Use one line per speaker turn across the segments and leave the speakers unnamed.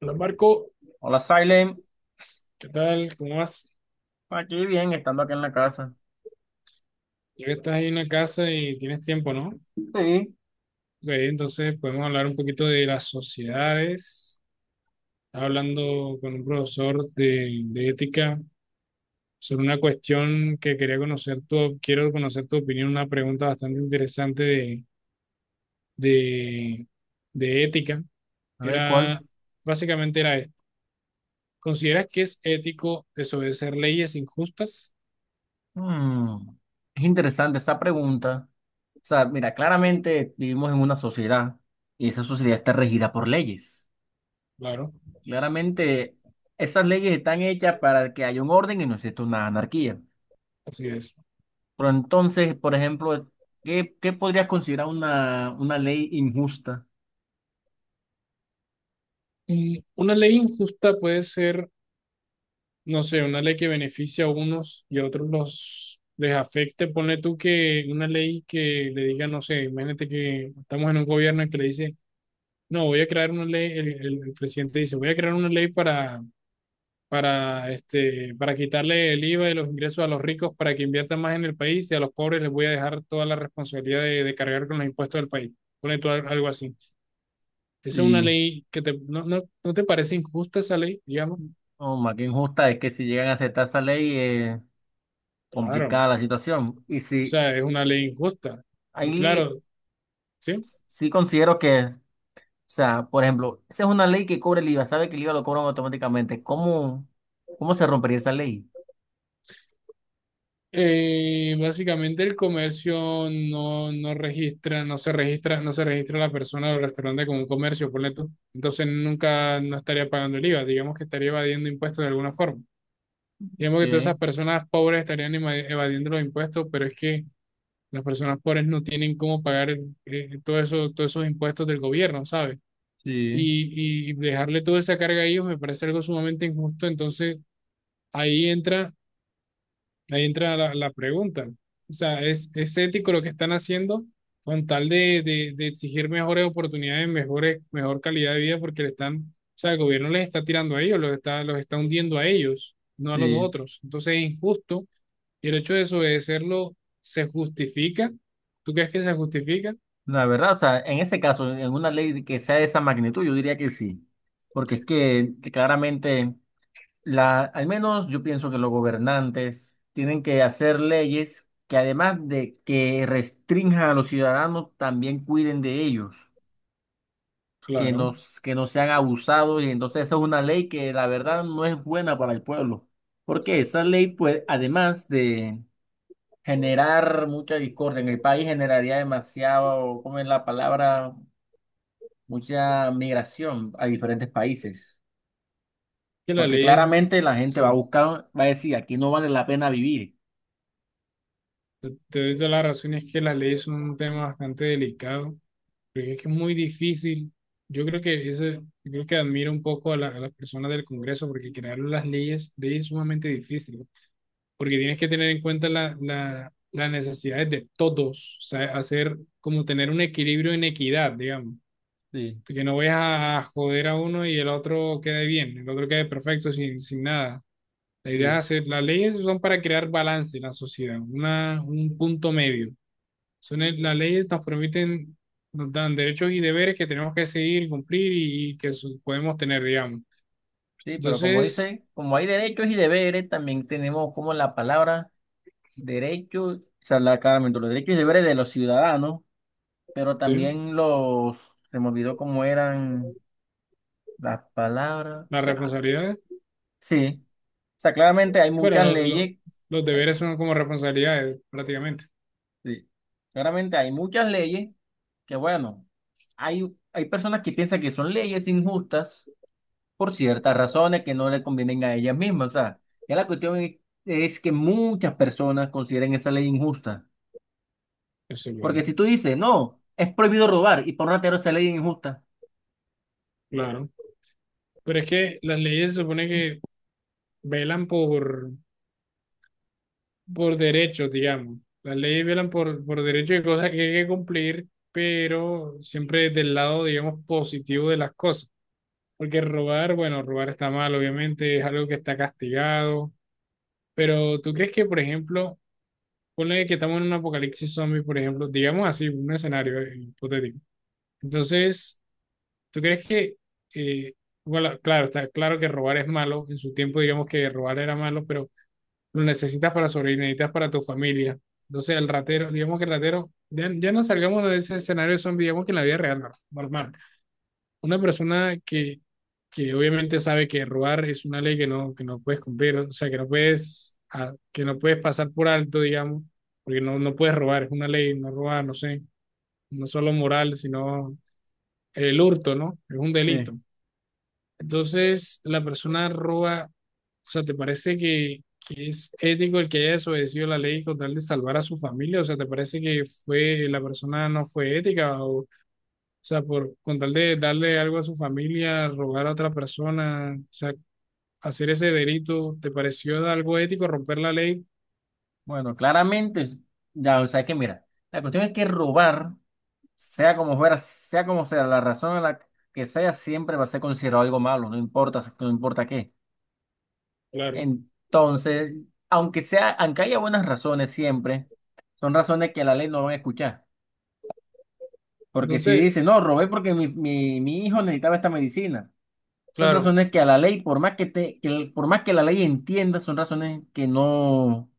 Hola Marco,
Hola, Silent.
¿qué tal? ¿Cómo vas?
Aquí bien, estando acá en la casa.
Ya que estás ahí en la casa y tienes tiempo, ¿no?
Sí.
Ok, entonces podemos hablar un poquito de las sociedades. Estaba hablando con un profesor de ética sobre una cuestión que quería conocer tu, quiero conocer tu opinión, una pregunta bastante interesante de, de ética.
A ver, ¿cuál?
Era, básicamente era esto. ¿Consideras que es ético desobedecer leyes injustas?
Mm, es interesante esa pregunta. O sea, mira, claramente vivimos en una sociedad y esa sociedad está regida por leyes.
Claro,
Claramente esas leyes están hechas para que haya un orden y no exista una anarquía.
así es.
Pero entonces, por ejemplo, ¿qué podrías considerar una ley injusta?
Una ley injusta puede ser no sé, una ley que beneficie a unos y a otros los les afecte, ponle tú que una ley que le diga, no sé, imagínate que estamos en un gobierno que le dice, no, voy a crear una ley, el presidente dice, voy a crear una ley para quitarle el IVA y los ingresos a los ricos para que inviertan más en el país y a los pobres les voy a dejar toda la responsabilidad de cargar con los impuestos del país. Ponle tú al- algo así. Esa es una
Y,
ley que te, no, no, ¿no te parece injusta esa ley, digamos?
oh, más que injusta es que si llegan a aceptar esa ley, es
Claro,
complicada la situación. Y
o
si
sea, es una ley injusta. Y
hay
claro, ¿sí?
sí considero que, o sea, por ejemplo, esa es una ley que cobra el IVA, sabe que el IVA lo cobran automáticamente. ¿Cómo se rompería esa ley?
Básicamente el comercio no se registra, no se registra la persona del restaurante como un comercio, ponle tú. Entonces nunca no estaría pagando el IVA, digamos que estaría evadiendo impuestos de alguna forma. Digamos que todas esas
Ok,
personas pobres estarían eva- evadiendo los impuestos, pero es que las personas pobres no tienen cómo pagar todo eso, todos esos impuestos del gobierno, ¿sabes?
sí,
Y dejarle toda esa carga a ellos me parece algo sumamente injusto, entonces ahí entra. Ahí entra la pregunta. O sea, es ético lo que están haciendo con tal de exigir mejores oportunidades, mejores, mejor calidad de vida? Porque le están, o sea, el gobierno les está tirando a ellos, los está hundiendo a ellos, no a los
sí.
otros. Entonces es injusto y el hecho de desobedecerlo se justifica. ¿Tú crees que se justifica?
La verdad, o sea, en ese caso, en una ley que sea de esa magnitud, yo diría que sí, porque es que claramente, la, al menos yo pienso que los gobernantes tienen que hacer leyes que además de que restrinjan a los ciudadanos, también cuiden de ellos. Que
Claro,
nos, que no sean abusados y entonces esa es una ley que la verdad no es buena para el pueblo, porque esa ley pues además de generar mucha discordia en el país generaría demasiado, ¿cómo es la palabra? Mucha migración a diferentes países,
que la
porque
ley, es-
claramente la gente va a
sí,
buscar, va a decir, aquí no vale la pena vivir.
te doy toda la razón, es que las leyes son un tema bastante delicado. Porque es que es muy difícil. Yo creo que eso, yo creo que admiro un poco a, la- a las personas del Congreso porque crear las leyes, leyes es sumamente difícil, ¿no? Porque tienes que tener en cuenta la, la- las necesidades de todos, o sea, hacer como tener un equilibrio en equidad, digamos,
Sí,
que no vayas a joder a uno y el otro quede bien, el otro quede perfecto sin, sin nada. La idea
sí.
es hacer, las leyes son para crear balance en la sociedad, una, un punto medio. Son el- las leyes nos permiten, nos dan derechos y deberes que tenemos que seguir, y cumplir y que su- podemos tener, digamos.
Sí, pero como
Entonces,
dice, como hay derechos y deberes, también tenemos como la palabra derechos, o sea, claramente los derechos y deberes de los ciudadanos. Pero
sí,
también los, se me olvidó cómo eran las palabras. O
las
sea,
responsabilidades,
sí. O sea, claramente hay
bueno,
muchas leyes.
los
Ay,
deberes son como responsabilidades prácticamente.
sí. Claramente hay muchas leyes que, bueno, hay personas que piensan que son leyes injustas por ciertas razones que no le convienen a ellas mismas. O sea, ya la cuestión es que muchas personas consideren esa ley injusta.
Eso es
Porque
verdad.
si tú dices, no, es prohibido robar y por una esa ley es injusta.
Claro. Pero es que las leyes se supone que velan por derechos, digamos. Las leyes velan por derechos y cosas que hay que cumplir, pero siempre del lado, digamos, positivo de las cosas. Porque robar, bueno, robar está mal, obviamente, es algo que está castigado. Pero ¿tú crees que, por ejemplo, ponle que estamos en un apocalipsis zombie, por ejemplo, digamos así, un escenario hipotético. Entonces, ¿tú crees que, eh, bueno, claro, está claro que robar es malo, en su tiempo digamos que robar era malo, pero lo necesitas para sobrevivir, necesitas para tu familia. Entonces, el ratero, digamos que el ratero, ya, ya no salgamos de ese escenario zombie, digamos que en la vida real, no, normal. Una persona que obviamente sabe que robar es una ley que no puedes cumplir, o sea, que no puedes, ah, que no puedes pasar por alto, digamos, porque no, no puedes robar, es una ley, no robar, no sé, no solo moral, sino el hurto, ¿no? Es un
Sí.
delito. Entonces, la persona roba, o sea, ¿te parece que es ético el que haya desobedecido la ley con tal de salvar a su familia? O sea, ¿te parece que fue, la persona no fue ética o sea, por con tal de darle algo a su familia, rogar a otra persona, o sea, hacer ese delito, ¿te pareció algo ético romper la ley?
Bueno, claramente, ya, o sea que mira, la cuestión es que robar, sea como fuera, sea como sea, la razón en la que sea, siempre va a ser considerado algo malo, no importa, no importa qué.
Claro.
Entonces, aunque sea, aunque haya buenas razones siempre, son razones que la ley no van a escuchar. Porque si
Entonces,
dice, no, robé porque mi hijo necesitaba esta medicina, son
claro,
razones que a la ley, por más que te, por más que la ley entienda, son razones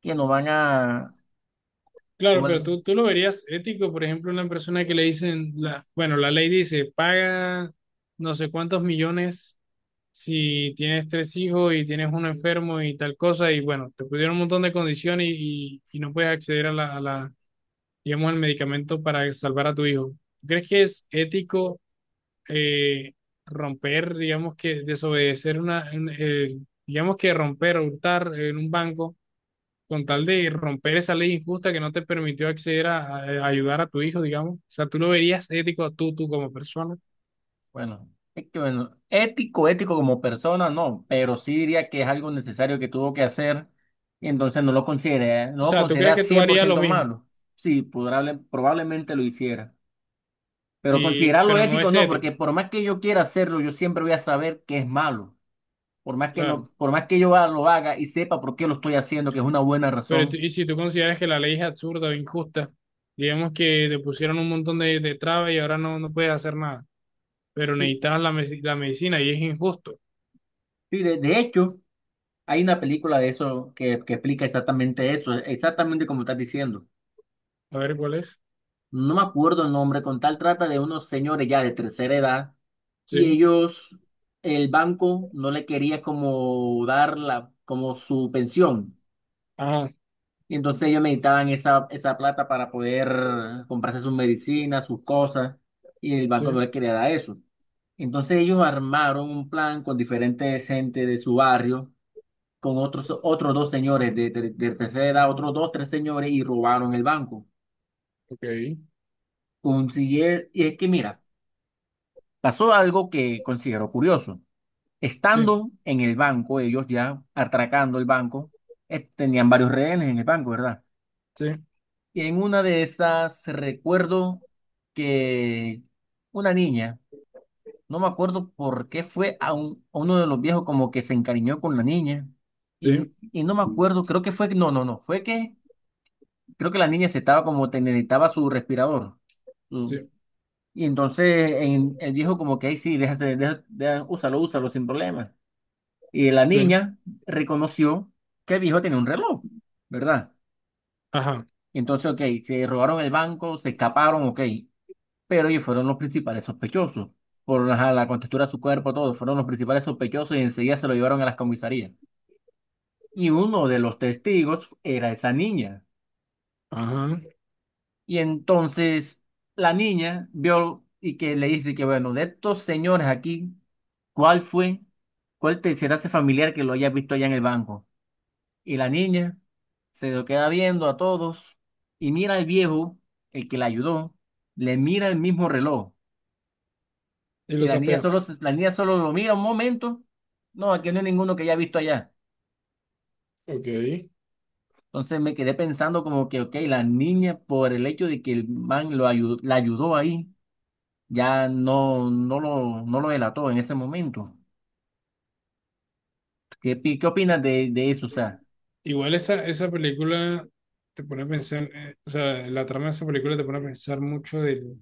que no van a,
claro,
como
pero
el-
tú lo verías ético, por ejemplo, una persona que le dicen, la, bueno, la ley dice, paga no sé cuántos millones si tienes tres hijos y tienes uno enfermo y tal cosa, y bueno, te pusieron un montón de condiciones y no puedes acceder a digamos, al medicamento para salvar a tu hijo. ¿Tú ¿crees que es ético? eh, romper, digamos que desobedecer una, un- digamos que romper o hurtar en un banco con tal de romper esa ley injusta que no te permitió acceder a ayudar a tu hijo, digamos. O sea, tú lo verías ético tú, tú como persona.
bueno, es que bueno, ético, ético como persona, no, pero sí diría que es algo necesario que tuvo que hacer y entonces no lo consideré,
O
no lo
sea, tú crees
consideré
que tú
cien por
harías lo
ciento
mismo,
malo. Sí, probablemente lo hiciera, pero
y,
considerarlo
pero no
ético
es
no,
ético,
porque por más que yo quiera hacerlo, yo siempre voy a saber que es malo. Por más que
claro.
no, por más que lo haga y sepa por qué lo estoy haciendo, que es una buena
Pero tú-
razón.
y si tú consideras que la ley es absurda o injusta, digamos que te pusieron un montón de trabas y ahora no, no puedes hacer nada, pero
Sí,
necesitabas la, meci- la medicina y es injusto.
sí, de hecho, hay una película de eso que explica exactamente eso, exactamente como estás diciendo.
A ver cuál es.
No me acuerdo el nombre, con tal trata de unos señores ya de tercera edad y
Sí.
ellos, el banco no le quería como dar la, como su pensión.
Ajá,
Y entonces ellos necesitaban esa plata para poder comprarse sus medicinas, sus cosas, y el banco no
sí,
le quería dar eso. Entonces ellos armaron un plan con diferentes gente de su barrio, con otros, otros dos señores de tercera edad, otros dos, tres señores, y robaron el banco.
ok,
Consiguieron, y es que mira, pasó algo que considero curioso.
sí,
Estando en el banco, ellos ya atracando el banco, tenían varios rehenes en el banco, ¿verdad?
sí,
Y en una de esas recuerdo que una niña, no me acuerdo por qué fue a, a uno de los viejos como que se encariñó con la niña
sí,
y no me acuerdo, creo que fue, no, no, no, fue que creo que la niña se estaba como te necesitaba su respirador. su-
sí,
y entonces el viejo como que ahí sí, déjate, úsalo, úsalo sin problema. Y la
sí,
niña reconoció que el viejo tenía un reloj, ¿verdad?
ajá,
Entonces, ok, se robaron el banco, se escaparon, ok, pero ellos fueron los principales sospechosos. Por ajá, la contextura de su cuerpo, todo, fueron los principales sospechosos y enseguida se lo llevaron a las comisarías. Y uno de los testigos era esa niña.
ajá,
Y entonces la niña vio y que le dice que, bueno, de estos señores aquí, ¿cuál fue? ¿Cuál te será ese familiar que lo haya visto allá en el banco? Y la niña se lo queda viendo a todos y mira al viejo, el que la ayudó, le mira el mismo reloj.
y
Y
lo
la niña
sapea,
solo, la niña solo lo mira un momento. No, aquí no hay ninguno que haya visto allá.
ok.
Entonces me quedé pensando como que, ok, la niña por el hecho de que el man lo ayudó, la ayudó ahí, ya no, no lo delató en ese momento. ¿Qué opinas de eso? O sea,
Igual esa, esa película te pone a pensar, o sea, la trama de esa película te pone a pensar mucho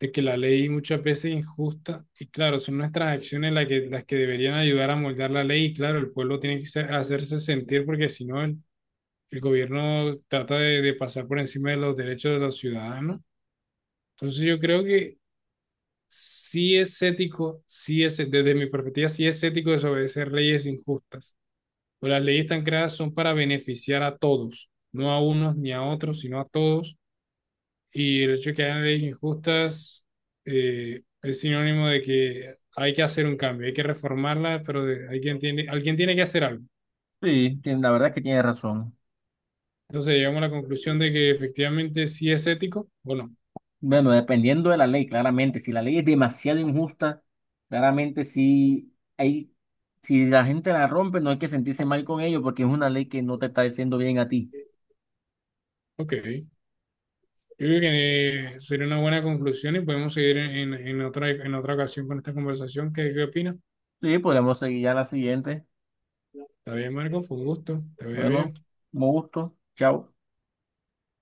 de que la ley muchas veces es injusta, y claro, son nuestras acciones las que deberían ayudar a moldear la ley, y claro, el pueblo tiene que ser- hacerse sentir porque si no, el gobierno trata de pasar por encima de los derechos de los ciudadanos. Entonces yo creo que sí es ético, sí es, desde mi perspectiva, sí es ético desobedecer leyes injustas. Pues las leyes tan creadas son para beneficiar a todos, no a unos ni a otros, sino a todos. Y el hecho de que hayan leyes injustas es sinónimo de que hay que hacer un cambio, hay que reformarla, pero de- alguien tiene que hacer algo.
sí, la verdad es que tienes razón.
Entonces llegamos a la conclusión de que efectivamente sí es ético o no.
Bueno, dependiendo de la ley, claramente, si la ley es demasiado injusta, claramente sí hay, si la gente la rompe, no hay que sentirse mal con ello porque es una ley que no te está diciendo bien a ti.
Ok. Yo creo que sería una buena conclusión y podemos seguir en otra ocasión con esta conversación. ¿Qué, qué opinas?
Sí, podemos seguir ya la siguiente.
Está bien, Marco, fue un gusto. Te veo bien.
Bueno, con gusto. Chao.